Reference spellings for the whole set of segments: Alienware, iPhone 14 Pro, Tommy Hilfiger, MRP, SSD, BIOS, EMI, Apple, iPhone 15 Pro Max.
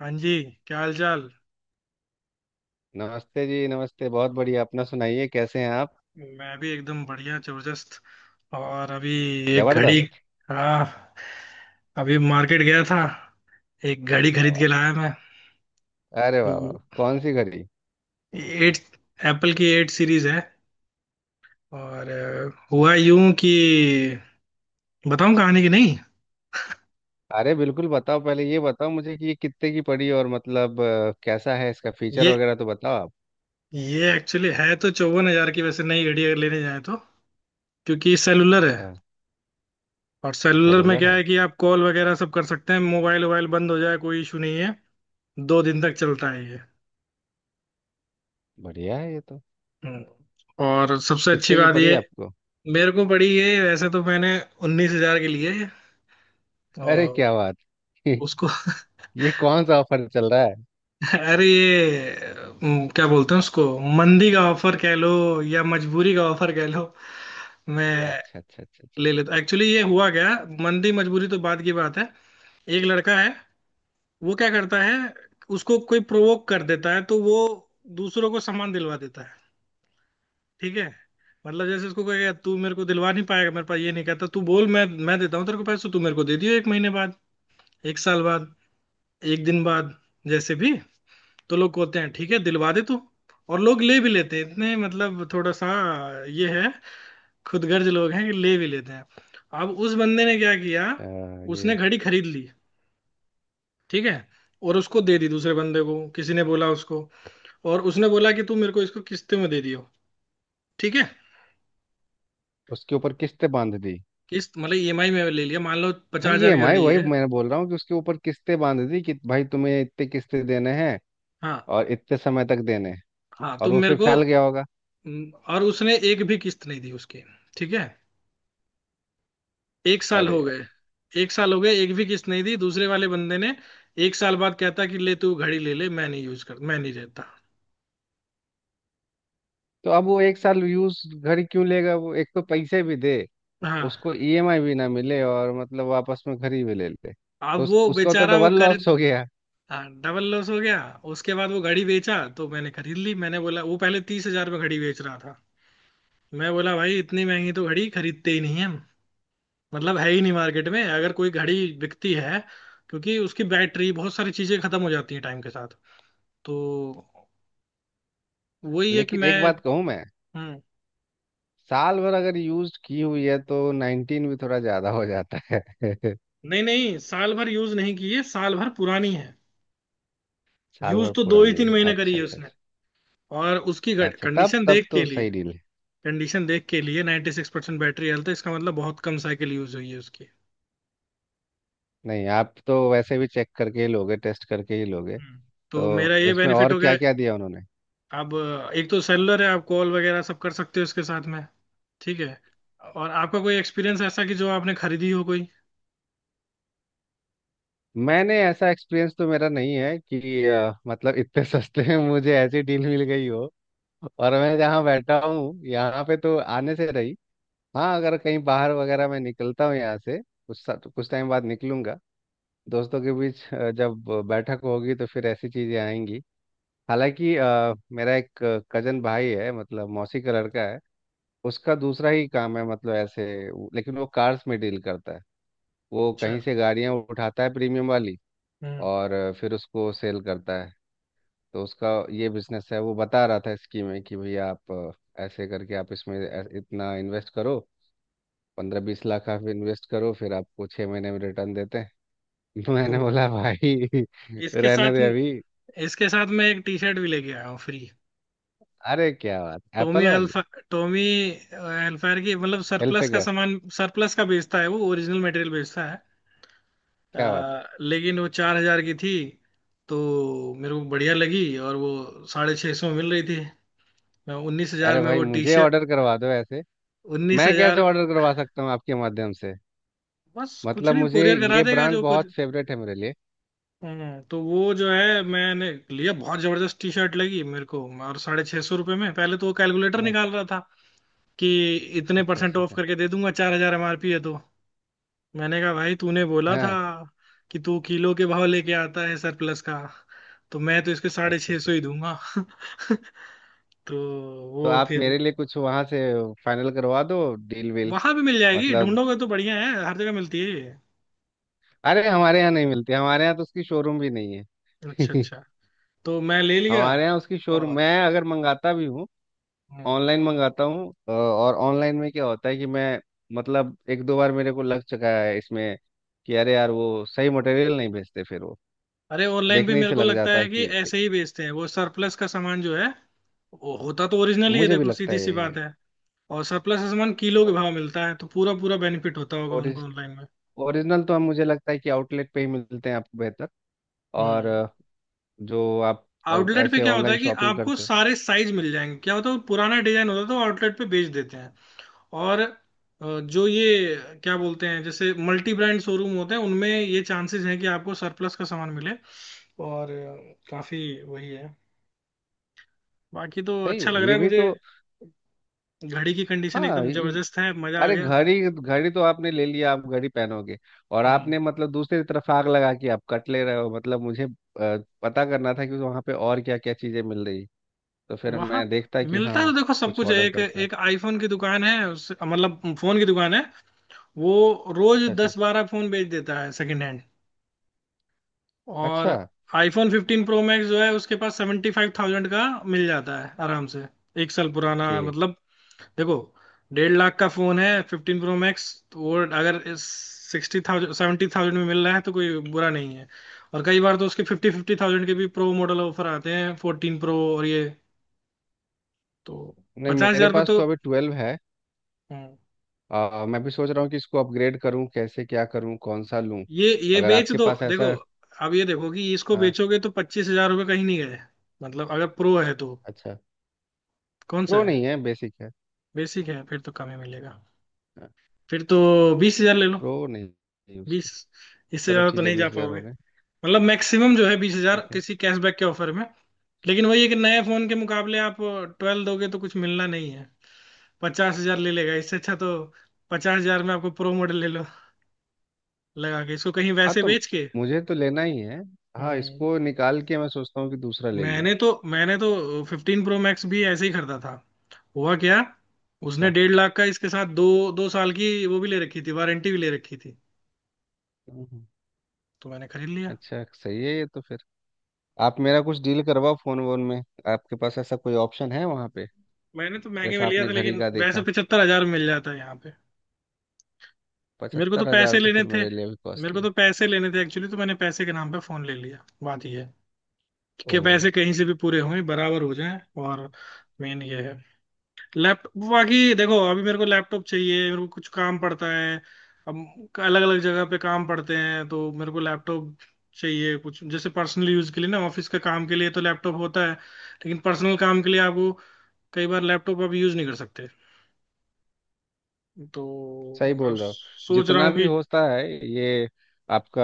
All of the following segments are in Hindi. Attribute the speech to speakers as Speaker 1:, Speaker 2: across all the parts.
Speaker 1: हाँ जी। क्या हाल चाल।
Speaker 2: नमस्ते जी। नमस्ते। बहुत बढ़िया। अपना सुनाइए, कैसे हैं आप?
Speaker 1: मैं भी एकदम बढ़िया जबरदस्त। और अभी एक घड़ी।
Speaker 2: जबरदस्त।
Speaker 1: हाँ, अभी मार्केट गया था। एक घड़ी
Speaker 2: क्या
Speaker 1: खरीद के
Speaker 2: बात
Speaker 1: लाया मैं।
Speaker 2: है। अरे,
Speaker 1: तो
Speaker 2: वाह वाह, कौन सी घड़ी?
Speaker 1: एट एप्पल की एट सीरीज है। और हुआ यूं कि, बताऊं कहानी की नहीं।
Speaker 2: अरे, बिल्कुल बताओ। पहले ये बताओ मुझे कि ये कितने की पड़ी, और मतलब कैसा है इसका फीचर
Speaker 1: ये
Speaker 2: वगैरह तो बताओ आप।
Speaker 1: ये एक्चुअली है तो 54,000 की, वैसे नई घड़ी अगर लेने जाए तो। क्योंकि सेलुलर है।
Speaker 2: अच्छा।
Speaker 1: और
Speaker 2: ये
Speaker 1: सेलुलर में
Speaker 2: सेलुलर
Speaker 1: क्या
Speaker 2: है?
Speaker 1: है कि आप कॉल वगैरह सब कर सकते हैं, मोबाइल वोबाइल बंद हो जाए कोई इशू नहीं है। दो दिन तक चलता है ये।
Speaker 2: बढ़िया है ये तो।
Speaker 1: हम्म। और सबसे अच्छी
Speaker 2: कितने की
Speaker 1: बात ये,
Speaker 2: पड़ी आपको?
Speaker 1: मेरे को पड़ी ये, वैसे तो मैंने 19,000 के लिए। तो
Speaker 2: अरे क्या बात।
Speaker 1: उसको
Speaker 2: ये कौन सा ऑफर चल रहा है?
Speaker 1: अरे ये, क्या बोलते हैं उसको, मंदी का ऑफर कह लो या मजबूरी का ऑफर कह लो। मैं
Speaker 2: ओ अच्छा अच्छा अच्छा अच्छा।
Speaker 1: ले लेता एक्चुअली। ये हुआ क्या, मंदी मजबूरी तो बाद की बात है। एक लड़का है, वो क्या करता है, उसको कोई प्रोवोक कर देता है तो वो दूसरों को सामान दिलवा देता है। ठीक है। मतलब जैसे उसको कहेगा, तू मेरे को दिलवा नहीं पाएगा, मेरे पास ये नहीं, कहता तू बोल, मैं देता हूँ तेरे को पैसे, तो तू मेरे को दे दियो एक महीने बाद, एक साल बाद, एक दिन बाद, जैसे भी। तो लोग कहते हैं ठीक है दिलवा दे तू। और लोग ले भी लेते हैं, इतने मतलब थोड़ा सा ये है, खुदगर्ज लोग हैं कि ले भी लेते हैं। अब उस बंदे ने क्या किया,
Speaker 2: अ,
Speaker 1: उसने
Speaker 2: ये
Speaker 1: घड़ी खरीद ली। ठीक है। और उसको दे दी दूसरे बंदे को, किसी ने बोला उसको। और उसने बोला कि तू मेरे को इसको किस्ते में दे दियो। ठीक है।
Speaker 2: उसके ऊपर किस्तें बांध दी।
Speaker 1: किस्त मतलब ईएमआई में ले लिया, मान लो
Speaker 2: हाँ,
Speaker 1: पचास
Speaker 2: ये
Speaker 1: हजार
Speaker 2: एम
Speaker 1: की
Speaker 2: आई
Speaker 1: घड़ी
Speaker 2: वही
Speaker 1: है।
Speaker 2: मैं बोल रहा हूँ कि उसके ऊपर किस्तें बांध दी कि भाई तुम्हें इतने किस्तें देने हैं,
Speaker 1: हाँ
Speaker 2: और इतने समय तक देने।
Speaker 1: हाँ,
Speaker 2: और
Speaker 1: तो
Speaker 2: वो
Speaker 1: मेरे
Speaker 2: फिर
Speaker 1: को।
Speaker 2: फैल गया होगा।
Speaker 1: और उसने एक भी किस्त नहीं दी उसकी। ठीक है। एक साल
Speaker 2: अरे
Speaker 1: हो गए।
Speaker 2: यार।
Speaker 1: एक साल हो गए, एक भी किस्त नहीं दी दूसरे वाले बंदे ने। एक साल बाद कहता कि ले तू घड़ी ले ले, मैं नहीं यूज कर, मैं नहीं रहता।
Speaker 2: तो अब वो एक साल यूज घर ही क्यों लेगा? वो एक तो पैसे भी दे,
Speaker 1: हाँ,
Speaker 2: उसको ईएमआई भी ना मिले, और मतलब वापस में घर ही भी ले ले, तो
Speaker 1: अब
Speaker 2: उस,
Speaker 1: वो
Speaker 2: उसका तो
Speaker 1: बेचारा वो
Speaker 2: डबल
Speaker 1: कर।
Speaker 2: लॉस हो गया।
Speaker 1: हाँ, डबल लॉस हो गया। उसके बाद वो घड़ी बेचा तो मैंने खरीद ली। मैंने बोला, वो पहले 30,000 में घड़ी बेच रहा था। मैं बोला, भाई, इतनी महंगी तो घड़ी खरीदते ही नहीं है हम। मतलब है ही नहीं मार्केट में अगर कोई घड़ी बिकती है, क्योंकि उसकी बैटरी बहुत सारी चीजें खत्म हो जाती हैं टाइम के साथ। तो वही है कि
Speaker 2: लेकिन
Speaker 1: मैं।
Speaker 2: एक बात कहूँ मैं,
Speaker 1: हम्म।
Speaker 2: साल भर अगर यूज की हुई है तो 19 भी थोड़ा ज्यादा हो जाता है।
Speaker 1: नहीं नहीं, साल भर यूज नहीं की है, साल भर पुरानी है।
Speaker 2: साल भर
Speaker 1: यूज तो दो ही
Speaker 2: पुरानी
Speaker 1: तीन
Speaker 2: है,
Speaker 1: महीने करी
Speaker 2: अच्छा
Speaker 1: है
Speaker 2: अच्छा
Speaker 1: उसने।
Speaker 2: अच्छा।
Speaker 1: और उसकी
Speaker 2: अच्छा तब
Speaker 1: कंडीशन
Speaker 2: तब
Speaker 1: देख
Speaker 2: तो
Speaker 1: के लिए,
Speaker 2: सही डील है।
Speaker 1: कंडीशन देख के लिए 96% बैटरी हेल्थ है, इसका मतलब बहुत कम साइकिल यूज हुई है उसकी।
Speaker 2: नहीं, आप तो वैसे भी चेक करके ही लोगे, टेस्ट करके ही लोगे।
Speaker 1: हम्म तो मेरा
Speaker 2: तो
Speaker 1: ये
Speaker 2: इसमें
Speaker 1: बेनिफिट
Speaker 2: और
Speaker 1: हो
Speaker 2: क्या
Speaker 1: गया।
Speaker 2: क्या दिया उन्होंने?
Speaker 1: अब, एक तो सेलुलर है, आप कॉल वगैरह सब कर सकते हो इसके साथ में। ठीक है। और आपका कोई एक्सपीरियंस ऐसा कि जो आपने खरीदी हो कोई।
Speaker 2: मैंने ऐसा एक्सपीरियंस तो मेरा नहीं है कि मतलब इतने सस्ते में मुझे ऐसी डील मिल गई हो। और मैं जहाँ बैठा हूँ यहाँ पे तो आने से रही। हाँ, अगर कहीं बाहर वगैरह मैं निकलता हूँ यहाँ से, कुछ कुछ टाइम बाद निकलूंगा। दोस्तों के बीच जब बैठक होगी, तो फिर ऐसी चीज़ें आएंगी। हालांकि मेरा एक कजन भाई है, मतलब मौसी का लड़का है। उसका दूसरा ही काम है, मतलब ऐसे लेकिन वो कार्स में डील करता है। वो कहीं
Speaker 1: अच्छा।
Speaker 2: से गाड़ियाँ उठाता है प्रीमियम वाली,
Speaker 1: हम्म
Speaker 2: और फिर उसको सेल करता है। तो उसका ये बिजनेस है। वो बता रहा था स्कीम में कि भैया आप ऐसे करके आप इसमें इतना इन्वेस्ट करो, 15-20 लाख आप इन्वेस्ट करो, फिर आपको 6 महीने में रिटर्न देते हैं। तो मैंने
Speaker 1: तो
Speaker 2: बोला भाई
Speaker 1: इसके
Speaker 2: रहने
Speaker 1: साथ,
Speaker 2: दे अभी।
Speaker 1: इसके साथ मैं एक टी शर्ट भी लेके आया हूँ फ्री।
Speaker 2: अरे क्या बात,
Speaker 1: टोमी
Speaker 2: एप्पल वाली?
Speaker 1: अल्फा, टोमी एल्फायर की। मतलब सरप्लस का
Speaker 2: हेल्फेगर।
Speaker 1: सामान, सरप्लस का बेचता है वो, ओरिजिनल मटेरियल बेचता है।
Speaker 2: क्या बात।
Speaker 1: लेकिन वो 4,000 की थी। तो मेरे को बढ़िया लगी, और वो 650 में मिल रही थी। मैं 19,000
Speaker 2: अरे
Speaker 1: में
Speaker 2: भाई
Speaker 1: वो टी
Speaker 2: मुझे
Speaker 1: शर्ट।
Speaker 2: ऑर्डर करवा दो ऐसे।
Speaker 1: उन्नीस
Speaker 2: मैं कैसे
Speaker 1: हजार
Speaker 2: ऑर्डर करवा सकता हूँ आपके माध्यम से?
Speaker 1: बस कुछ
Speaker 2: मतलब
Speaker 1: नहीं,
Speaker 2: मुझे
Speaker 1: कोरियर करा
Speaker 2: ये
Speaker 1: देगा
Speaker 2: ब्रांड
Speaker 1: जो कुछ।
Speaker 2: बहुत फेवरेट है मेरे लिए।
Speaker 1: हम्म। तो वो जो है मैंने लिया, बहुत जबरदस्त टी शर्ट लगी मेरे को, और 650 रुपये में। पहले तो वो कैलकुलेटर
Speaker 2: नहीं,
Speaker 1: निकाल रहा था कि
Speaker 2: अच्छा
Speaker 1: इतने
Speaker 2: अच्छा
Speaker 1: परसेंट
Speaker 2: अच्छा
Speaker 1: ऑफ
Speaker 2: अच्छा।
Speaker 1: करके दे दूंगा, 4,000 एमआरपी है तो। मैंने कहा भाई, तूने बोला था
Speaker 2: हाँ,
Speaker 1: कि तू किलो के भाव लेके आता है सरप्लस का, तो मैं तो इसके साढ़े
Speaker 2: अच्छा
Speaker 1: छह
Speaker 2: अच्छा।
Speaker 1: सौ ही दूंगा। तो
Speaker 2: तो
Speaker 1: वो
Speaker 2: आप
Speaker 1: फिर,
Speaker 2: मेरे लिए कुछ वहां से फाइनल करवा दो, डील वील।
Speaker 1: वहां भी मिल जाएगी
Speaker 2: मतलब,
Speaker 1: ढूंढोगे तो। बढ़िया है, हर जगह मिलती है ये।
Speaker 2: अरे हमारे यहाँ नहीं मिलती। हमारे यहाँ तो उसकी शोरूम भी नहीं
Speaker 1: अच्छा
Speaker 2: है।
Speaker 1: अच्छा। तो मैं ले लिया।
Speaker 2: हमारे यहाँ उसकी शोरूम,
Speaker 1: और
Speaker 2: मैं अगर मंगाता भी हूँ,
Speaker 1: हम्म।
Speaker 2: ऑनलाइन मंगाता हूँ, और ऑनलाइन में क्या होता है कि मैं, मतलब एक दो बार मेरे को लग चुका है इसमें कि अरे यार वो सही मटेरियल नहीं भेजते, फिर वो
Speaker 1: अरे, ऑनलाइन भी
Speaker 2: देखने ही
Speaker 1: मेरे
Speaker 2: से
Speaker 1: को
Speaker 2: लग
Speaker 1: लगता
Speaker 2: जाता
Speaker 1: है
Speaker 2: है
Speaker 1: कि
Speaker 2: कि,
Speaker 1: ऐसे ही बेचते हैं वो सरप्लस का सामान जो है। वो होता तो ओरिजिनल ही है,
Speaker 2: मुझे भी
Speaker 1: देखो
Speaker 2: लगता
Speaker 1: सीधी
Speaker 2: है
Speaker 1: सी
Speaker 2: यही है।
Speaker 1: बात है। और सरप्लस का सामान किलो के भाव मिलता है तो पूरा पूरा बेनिफिट होता होगा उनको
Speaker 2: ओरिज
Speaker 1: ऑनलाइन में।
Speaker 2: ओरिजिनल तो हम मुझे लगता है कि आउटलेट पे ही मिलते हैं आपको बेहतर। और
Speaker 1: हम्म।
Speaker 2: जो आप
Speaker 1: आउटलेट पे
Speaker 2: ऐसे
Speaker 1: क्या होता
Speaker 2: ऑनलाइन
Speaker 1: है कि
Speaker 2: शॉपिंग
Speaker 1: आपको
Speaker 2: करते हो,
Speaker 1: सारे साइज मिल जाएंगे, क्या होता है, पुराना डिजाइन होता है तो आउटलेट पे बेच देते हैं। और जो ये, क्या बोलते हैं, जैसे मल्टी ब्रांड शोरूम होते हैं, उनमें ये चांसेस हैं कि आपको सरप्लस का सामान मिले। और काफी वही है। बाकी तो
Speaker 2: सही
Speaker 1: अच्छा लग
Speaker 2: है
Speaker 1: रहा
Speaker 2: ये
Speaker 1: है
Speaker 2: भी
Speaker 1: मुझे।
Speaker 2: तो।
Speaker 1: घड़ी की कंडीशन
Speaker 2: हाँ
Speaker 1: एकदम जबरदस्त है, मजा आ
Speaker 2: अरे
Speaker 1: गया।
Speaker 2: घड़ी घड़ी तो आपने ले लिया, आप घड़ी पहनोगे, और
Speaker 1: हम्म
Speaker 2: आपने मतलब दूसरी तरफ आग लगा के आप कट ले रहे हो। मतलब मुझे पता करना था कि वहाँ पे और क्या क्या चीज़ें मिल रही, तो फिर
Speaker 1: वहां
Speaker 2: मैं देखता कि
Speaker 1: मिलता
Speaker 2: हाँ,
Speaker 1: तो देखो सब
Speaker 2: कुछ
Speaker 1: कुछ है।
Speaker 2: ऑर्डर
Speaker 1: एक
Speaker 2: करता।
Speaker 1: एक आईफोन की दुकान है, उस मतलब फोन की दुकान है वो। रोज
Speaker 2: अच्छा अच्छा
Speaker 1: 10-12 फोन बेच देता है सेकंड हैंड। और
Speaker 2: अच्छा।
Speaker 1: iPhone 15 प्रो मैक्स जो है उसके पास 75,000 का मिल जाता है आराम से। एक साल पुराना
Speaker 2: ओके।
Speaker 1: मतलब। देखो, 1,50,000 का फोन है 15 प्रो मैक्स। तो वो अगर 60,000, 70,000 में मिल रहा है तो कोई बुरा नहीं है। और कई बार तो उसके फिफ्टी फिफ्टी थाउजेंड के भी प्रो मॉडल ऑफर आते हैं, 14 प्रो और ये। तो
Speaker 2: नहीं,
Speaker 1: पचास
Speaker 2: मेरे
Speaker 1: हजार में
Speaker 2: पास
Speaker 1: तो।
Speaker 2: तो अभी 12 है।
Speaker 1: हम्म,
Speaker 2: मैं भी सोच रहा हूँ कि इसको अपग्रेड करूँ, कैसे क्या करूँ, कौन सा लूँ,
Speaker 1: ये
Speaker 2: अगर
Speaker 1: बेच
Speaker 2: आपके
Speaker 1: दो
Speaker 2: पास
Speaker 1: देखो।
Speaker 2: ऐसा।
Speaker 1: अब ये देखो कि इसको
Speaker 2: हाँ।
Speaker 1: बेचोगे तो 25,000 रुपये कहीं नहीं गए। मतलब अगर प्रो है तो।
Speaker 2: अच्छा।
Speaker 1: कौन सा
Speaker 2: प्रो
Speaker 1: है।
Speaker 2: नहीं है, बेसिक है।
Speaker 1: बेसिक है, फिर तो कम ही मिलेगा।
Speaker 2: हाँ,
Speaker 1: फिर तो 20,000 ले लो।
Speaker 2: प्रो नहीं है उसके।
Speaker 1: बीस, इससे
Speaker 2: चलो
Speaker 1: ज्यादा तो
Speaker 2: ठीक है,
Speaker 1: नहीं जा
Speaker 2: 20 हज़ार
Speaker 1: पाओगे।
Speaker 2: हो गए।
Speaker 1: मतलब मैक्सिमम जो है 20,000,
Speaker 2: ठीक है।
Speaker 1: किसी कैशबैक के ऑफर में। लेकिन वही है कि नए फोन के मुकाबले आप 12 दोगे तो कुछ मिलना नहीं है। 50,000 ले लेगा इससे अच्छा, तो 50,000 में आपको प्रो मॉडल ले लो, लगा के इसको कहीं
Speaker 2: हाँ,
Speaker 1: वैसे
Speaker 2: तो
Speaker 1: बेच के।
Speaker 2: मुझे तो लेना ही है। हाँ,
Speaker 1: हम्म,
Speaker 2: इसको निकाल के मैं सोचता हूँ कि दूसरा ले लूँ।
Speaker 1: मैंने तो 15 प्रो मैक्स भी ऐसे ही खरीदा था। हुआ क्या, उसने
Speaker 2: अच्छा।
Speaker 1: 1,50,000 का, इसके साथ दो दो साल की वो भी ले रखी थी, वारंटी भी ले रखी थी।
Speaker 2: हम्म। हम्म।
Speaker 1: तो मैंने खरीद लिया।
Speaker 2: अच्छा, सही है ये तो फिर। आप मेरा कुछ डील करवाओ फोन वोन में। आपके पास ऐसा कोई ऑप्शन है वहाँ पे
Speaker 1: मैंने तो महंगे में
Speaker 2: जैसा
Speaker 1: लिया
Speaker 2: आपने
Speaker 1: था,
Speaker 2: घड़ी
Speaker 1: लेकिन
Speaker 2: का
Speaker 1: वैसे
Speaker 2: देखा?
Speaker 1: 75,000 मिल जाता है यहाँ पे। मेरे को तो
Speaker 2: 75 हजार
Speaker 1: पैसे
Speaker 2: तो
Speaker 1: लेने
Speaker 2: फिर
Speaker 1: थे।
Speaker 2: मेरे लिए भी
Speaker 1: मेरे
Speaker 2: कॉस्टली
Speaker 1: को
Speaker 2: है।
Speaker 1: तो पैसे लेने थे एक्चुअली, तो मैंने पैसे के नाम पे फोन ले लिया। बात ये है
Speaker 2: ओ,
Speaker 1: कि पैसे कहीं से भी पूरे हों, बराबर हो जाएं, और मेन ये है। लैपटॉप, बाकी देखो अभी मेरे को लैपटॉप चाहिए, मेरे को कुछ काम पड़ता है। अब अलग अलग जगह पे काम पड़ते हैं तो मेरे को लैपटॉप चाहिए, कुछ जैसे पर्सनल यूज के लिए ना, ऑफिस के काम के लिए तो लैपटॉप होता है, लेकिन पर्सनल काम के लिए आपको कई बार लैपटॉप आप यूज नहीं कर सकते। तो
Speaker 2: सही
Speaker 1: अब
Speaker 2: बोल रहे हो।
Speaker 1: सोच रहा
Speaker 2: जितना
Speaker 1: हूँ
Speaker 2: भी
Speaker 1: कि
Speaker 2: होता है ये आपका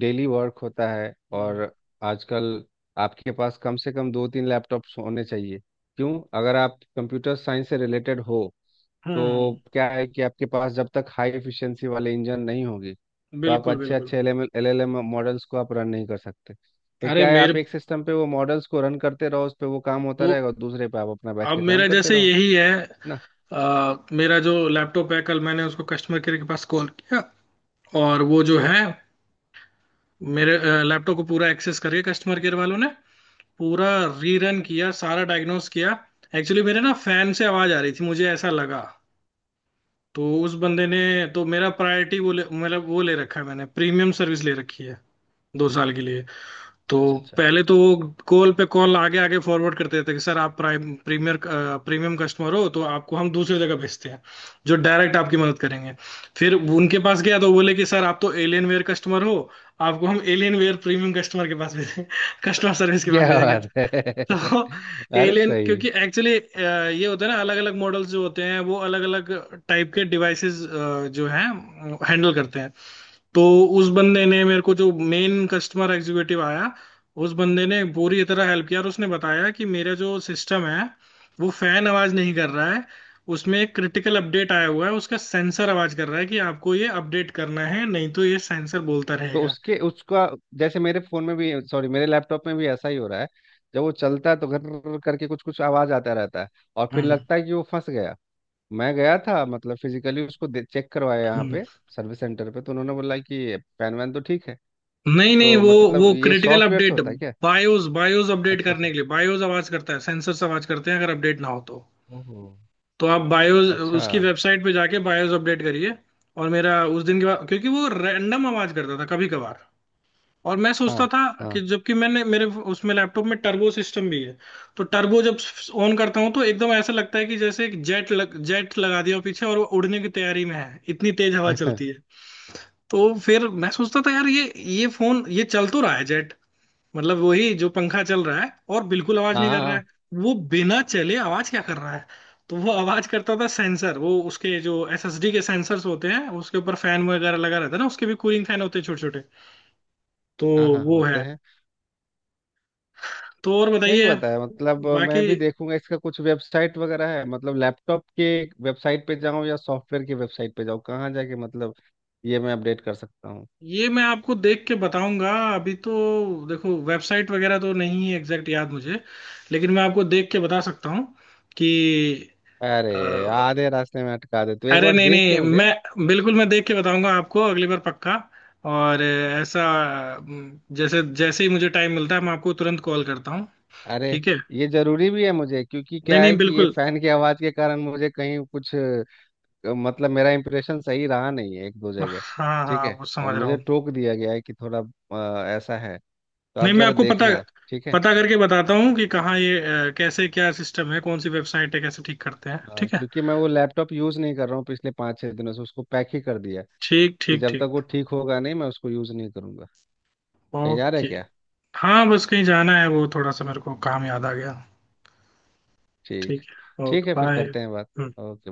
Speaker 2: डेली वर्क होता है।
Speaker 1: हम्म
Speaker 2: और आजकल आपके पास कम से कम दो तीन लैपटॉप्स होने चाहिए। क्यों? अगर आप कंप्यूटर साइंस से रिलेटेड हो,
Speaker 1: हम्म,
Speaker 2: तो क्या है कि आपके पास जब तक हाई एफिशिएंसी वाले इंजन नहीं होगी, तो आप
Speaker 1: बिल्कुल
Speaker 2: अच्छे
Speaker 1: बिल्कुल।
Speaker 2: अच्छे LLM मॉडल्स को आप रन नहीं कर सकते। तो
Speaker 1: अरे
Speaker 2: क्या है,
Speaker 1: मेरे
Speaker 2: आप एक सिस्टम पे वो मॉडल्स को रन करते रहो, उस पे वो काम होता
Speaker 1: तो,
Speaker 2: रहेगा, और दूसरे पे आप अपना बैठ
Speaker 1: अब
Speaker 2: के काम
Speaker 1: मेरा
Speaker 2: करते
Speaker 1: जैसे
Speaker 2: रहो, है
Speaker 1: यही है।
Speaker 2: ना?
Speaker 1: आ, मेरा जो लैपटॉप है, कल मैंने उसको कस्टमर केयर के पास कॉल किया। और वो जो है, मेरे लैपटॉप को पूरा एक्सेस करके कस्टमर केयर वालों ने पूरा रीरन किया, सारा डायग्नोस किया। एक्चुअली मेरे ना फैन से आवाज आ रही थी, मुझे ऐसा लगा। तो उस बंदे ने, तो मेरा प्रायोरिटी वो मतलब वो ले रखा है, मैंने प्रीमियम सर्विस ले रखी है दो साल के लिए। तो
Speaker 2: अच्छा अच्छा अच्छा।
Speaker 1: पहले तो वो कॉल पे कॉल आगे आगे फॉरवर्ड करते थे कि सर आप प्राइम प्रीमियर प्रीमियम कस्टमर हो तो आपको हम दूसरी जगह भेजते हैं, जो डायरेक्ट आपकी मदद करेंगे। फिर उनके पास गया तो बोले कि सर आप तो एलियन वेयर कस्टमर हो, आपको हम एलियन वेयर प्रीमियम कस्टमर के पास भेजेंगे, कस्टमर सर्विस के पास
Speaker 2: क्या
Speaker 1: भेजेंगे।
Speaker 2: बात है।
Speaker 1: तो
Speaker 2: अरे
Speaker 1: एलियन,
Speaker 2: सही है।
Speaker 1: क्योंकि एक्चुअली ये होता है ना, अलग अलग मॉडल्स जो होते हैं वो अलग अलग टाइप के डिवाइसेस जो हैं हैंडल करते हैं। तो उस बंदे ने मेरे को, जो मेन कस्टमर एग्जीक्यूटिव आया उस बंदे ने पूरी तरह हेल्प किया, और उसने बताया कि मेरा जो सिस्टम है वो फैन आवाज नहीं कर रहा है, उसमें एक क्रिटिकल अपडेट आया हुआ है, उसका सेंसर आवाज कर रहा है कि आपको ये अपडेट करना है नहीं तो ये सेंसर बोलता
Speaker 2: तो
Speaker 1: रहेगा।
Speaker 2: उसके उसका, जैसे मेरे फोन में भी, सॉरी मेरे लैपटॉप में भी ऐसा ही हो रहा है। जब वो चलता है तो घर करके कुछ कुछ आवाज आता रहता है, और फिर
Speaker 1: हम्म
Speaker 2: लगता है कि वो फंस गया। मैं गया था, मतलब फिजिकली उसको चेक करवाया यहाँ
Speaker 1: हम्म।
Speaker 2: पे, सर्विस सेंटर पे, तो उन्होंने बोला कि फैन वैन तो ठीक है।
Speaker 1: नहीं नहीं,
Speaker 2: तो
Speaker 1: वो
Speaker 2: मतलब
Speaker 1: वो
Speaker 2: ये
Speaker 1: क्रिटिकल
Speaker 2: सॉफ्टवेयर से
Speaker 1: अपडेट,
Speaker 2: होता है क्या?
Speaker 1: बायोस बायोस अपडेट
Speaker 2: अच्छा अच्छा
Speaker 1: करने के
Speaker 2: अच्छा।
Speaker 1: लिए बायोस आवाज करता है, सेंसर आवाज करते हैं अगर अपडेट ना हो तो।
Speaker 2: ओहो।
Speaker 1: तो आप बायोस,
Speaker 2: अच्छा।
Speaker 1: उसकी वेबसाइट पे जाके बायोस अपडेट करिए। और मेरा उस दिन के बाद, क्योंकि वो रैंडम आवाज करता था कभी कभार, और मैं सोचता
Speaker 2: हाँ
Speaker 1: था, कि
Speaker 2: हाँ।
Speaker 1: जबकि मैंने मेरे, उसमें लैपटॉप में टर्बो सिस्टम भी है, तो टर्बो जब ऑन करता हूँ तो एकदम ऐसा लगता है कि जैसे एक जेट लगा दिया हो पीछे और वो उड़ने की तैयारी में है, इतनी तेज हवा चलती है। तो फिर मैं सोचता था, यार, ये फोन ये चल तो रहा है जेट, मतलब वही जो पंखा चल रहा है, और बिल्कुल आवाज नहीं कर रहा
Speaker 2: हाँ
Speaker 1: है। वो बिना चले आवाज क्या कर रहा है। तो वो आवाज करता था सेंसर, वो उसके जो एसएसडी के सेंसर्स होते हैं उसके ऊपर फैन वगैरह लगा रहता है ना, उसके भी कूलिंग फैन होते हैं छोटे छोटे। तो
Speaker 2: हाँ हाँ,
Speaker 1: वो
Speaker 2: होते
Speaker 1: है।
Speaker 2: हैं।
Speaker 1: तो और
Speaker 2: सही
Speaker 1: बताइए,
Speaker 2: बताया। मतलब मैं
Speaker 1: बाकी।
Speaker 2: भी देखूंगा, इसका कुछ वेबसाइट वगैरह है मतलब लैपटॉप के? वेबसाइट पे जाऊँ या सॉफ्टवेयर की वेबसाइट पे जाऊँ, कहाँ जाके मतलब ये मैं अपडेट कर सकता हूँ?
Speaker 1: ये मैं आपको देख के बताऊंगा। अभी तो देखो वेबसाइट वगैरह तो नहीं है एग्जैक्ट याद मुझे, लेकिन मैं आपको देख के बता सकता हूँ कि।
Speaker 2: अरे आधे रास्ते में अटका दे तो एक
Speaker 1: अरे
Speaker 2: बार
Speaker 1: नहीं
Speaker 2: देख के
Speaker 1: नहीं,
Speaker 2: मुझे।
Speaker 1: मैं बिल्कुल, मैं देख के बताऊंगा आपको अगली बार, पक्का। और ऐसा, जैसे जैसे ही मुझे टाइम मिलता है मैं आपको तुरंत कॉल करता हूँ।
Speaker 2: अरे
Speaker 1: ठीक है।
Speaker 2: ये जरूरी भी है मुझे, क्योंकि
Speaker 1: नहीं
Speaker 2: क्या
Speaker 1: नहीं,
Speaker 2: है कि ये
Speaker 1: बिल्कुल।
Speaker 2: फैन की आवाज के कारण मुझे कहीं कुछ मतलब मेरा इंप्रेशन सही रहा नहीं है एक दो जगह।
Speaker 1: हाँ
Speaker 2: ठीक
Speaker 1: हाँ,
Speaker 2: है,
Speaker 1: वो
Speaker 2: और
Speaker 1: समझ रहा
Speaker 2: मुझे
Speaker 1: हूँ।
Speaker 2: टोक दिया गया है कि थोड़ा ऐसा है। तो आप
Speaker 1: नहीं मैं
Speaker 2: जरा
Speaker 1: आपको पता
Speaker 2: देखना। ठीक है।
Speaker 1: पता करके बताता हूँ कि कहाँ ये, कैसे, क्या सिस्टम है, कौन सी वेबसाइट है, कैसे ठीक करते हैं, ठीक है।
Speaker 2: क्योंकि मैं वो लैपटॉप यूज नहीं कर रहा हूँ पिछले 5-6 दिनों से, उसको पैक ही कर दिया
Speaker 1: ठीक
Speaker 2: कि
Speaker 1: ठीक
Speaker 2: जब
Speaker 1: ठीक।
Speaker 2: तक वो ठीक होगा नहीं मैं उसको यूज नहीं करूंगा। कहीं जा रहे
Speaker 1: ओके।
Speaker 2: क्या?
Speaker 1: हाँ बस कहीं जाना है, वो थोड़ा सा मेरे को काम याद आ गया।
Speaker 2: ठीक।
Speaker 1: ठीक है,
Speaker 2: ठीक
Speaker 1: ओके
Speaker 2: है, फिर करते हैं बात।
Speaker 1: बाय।
Speaker 2: ओके।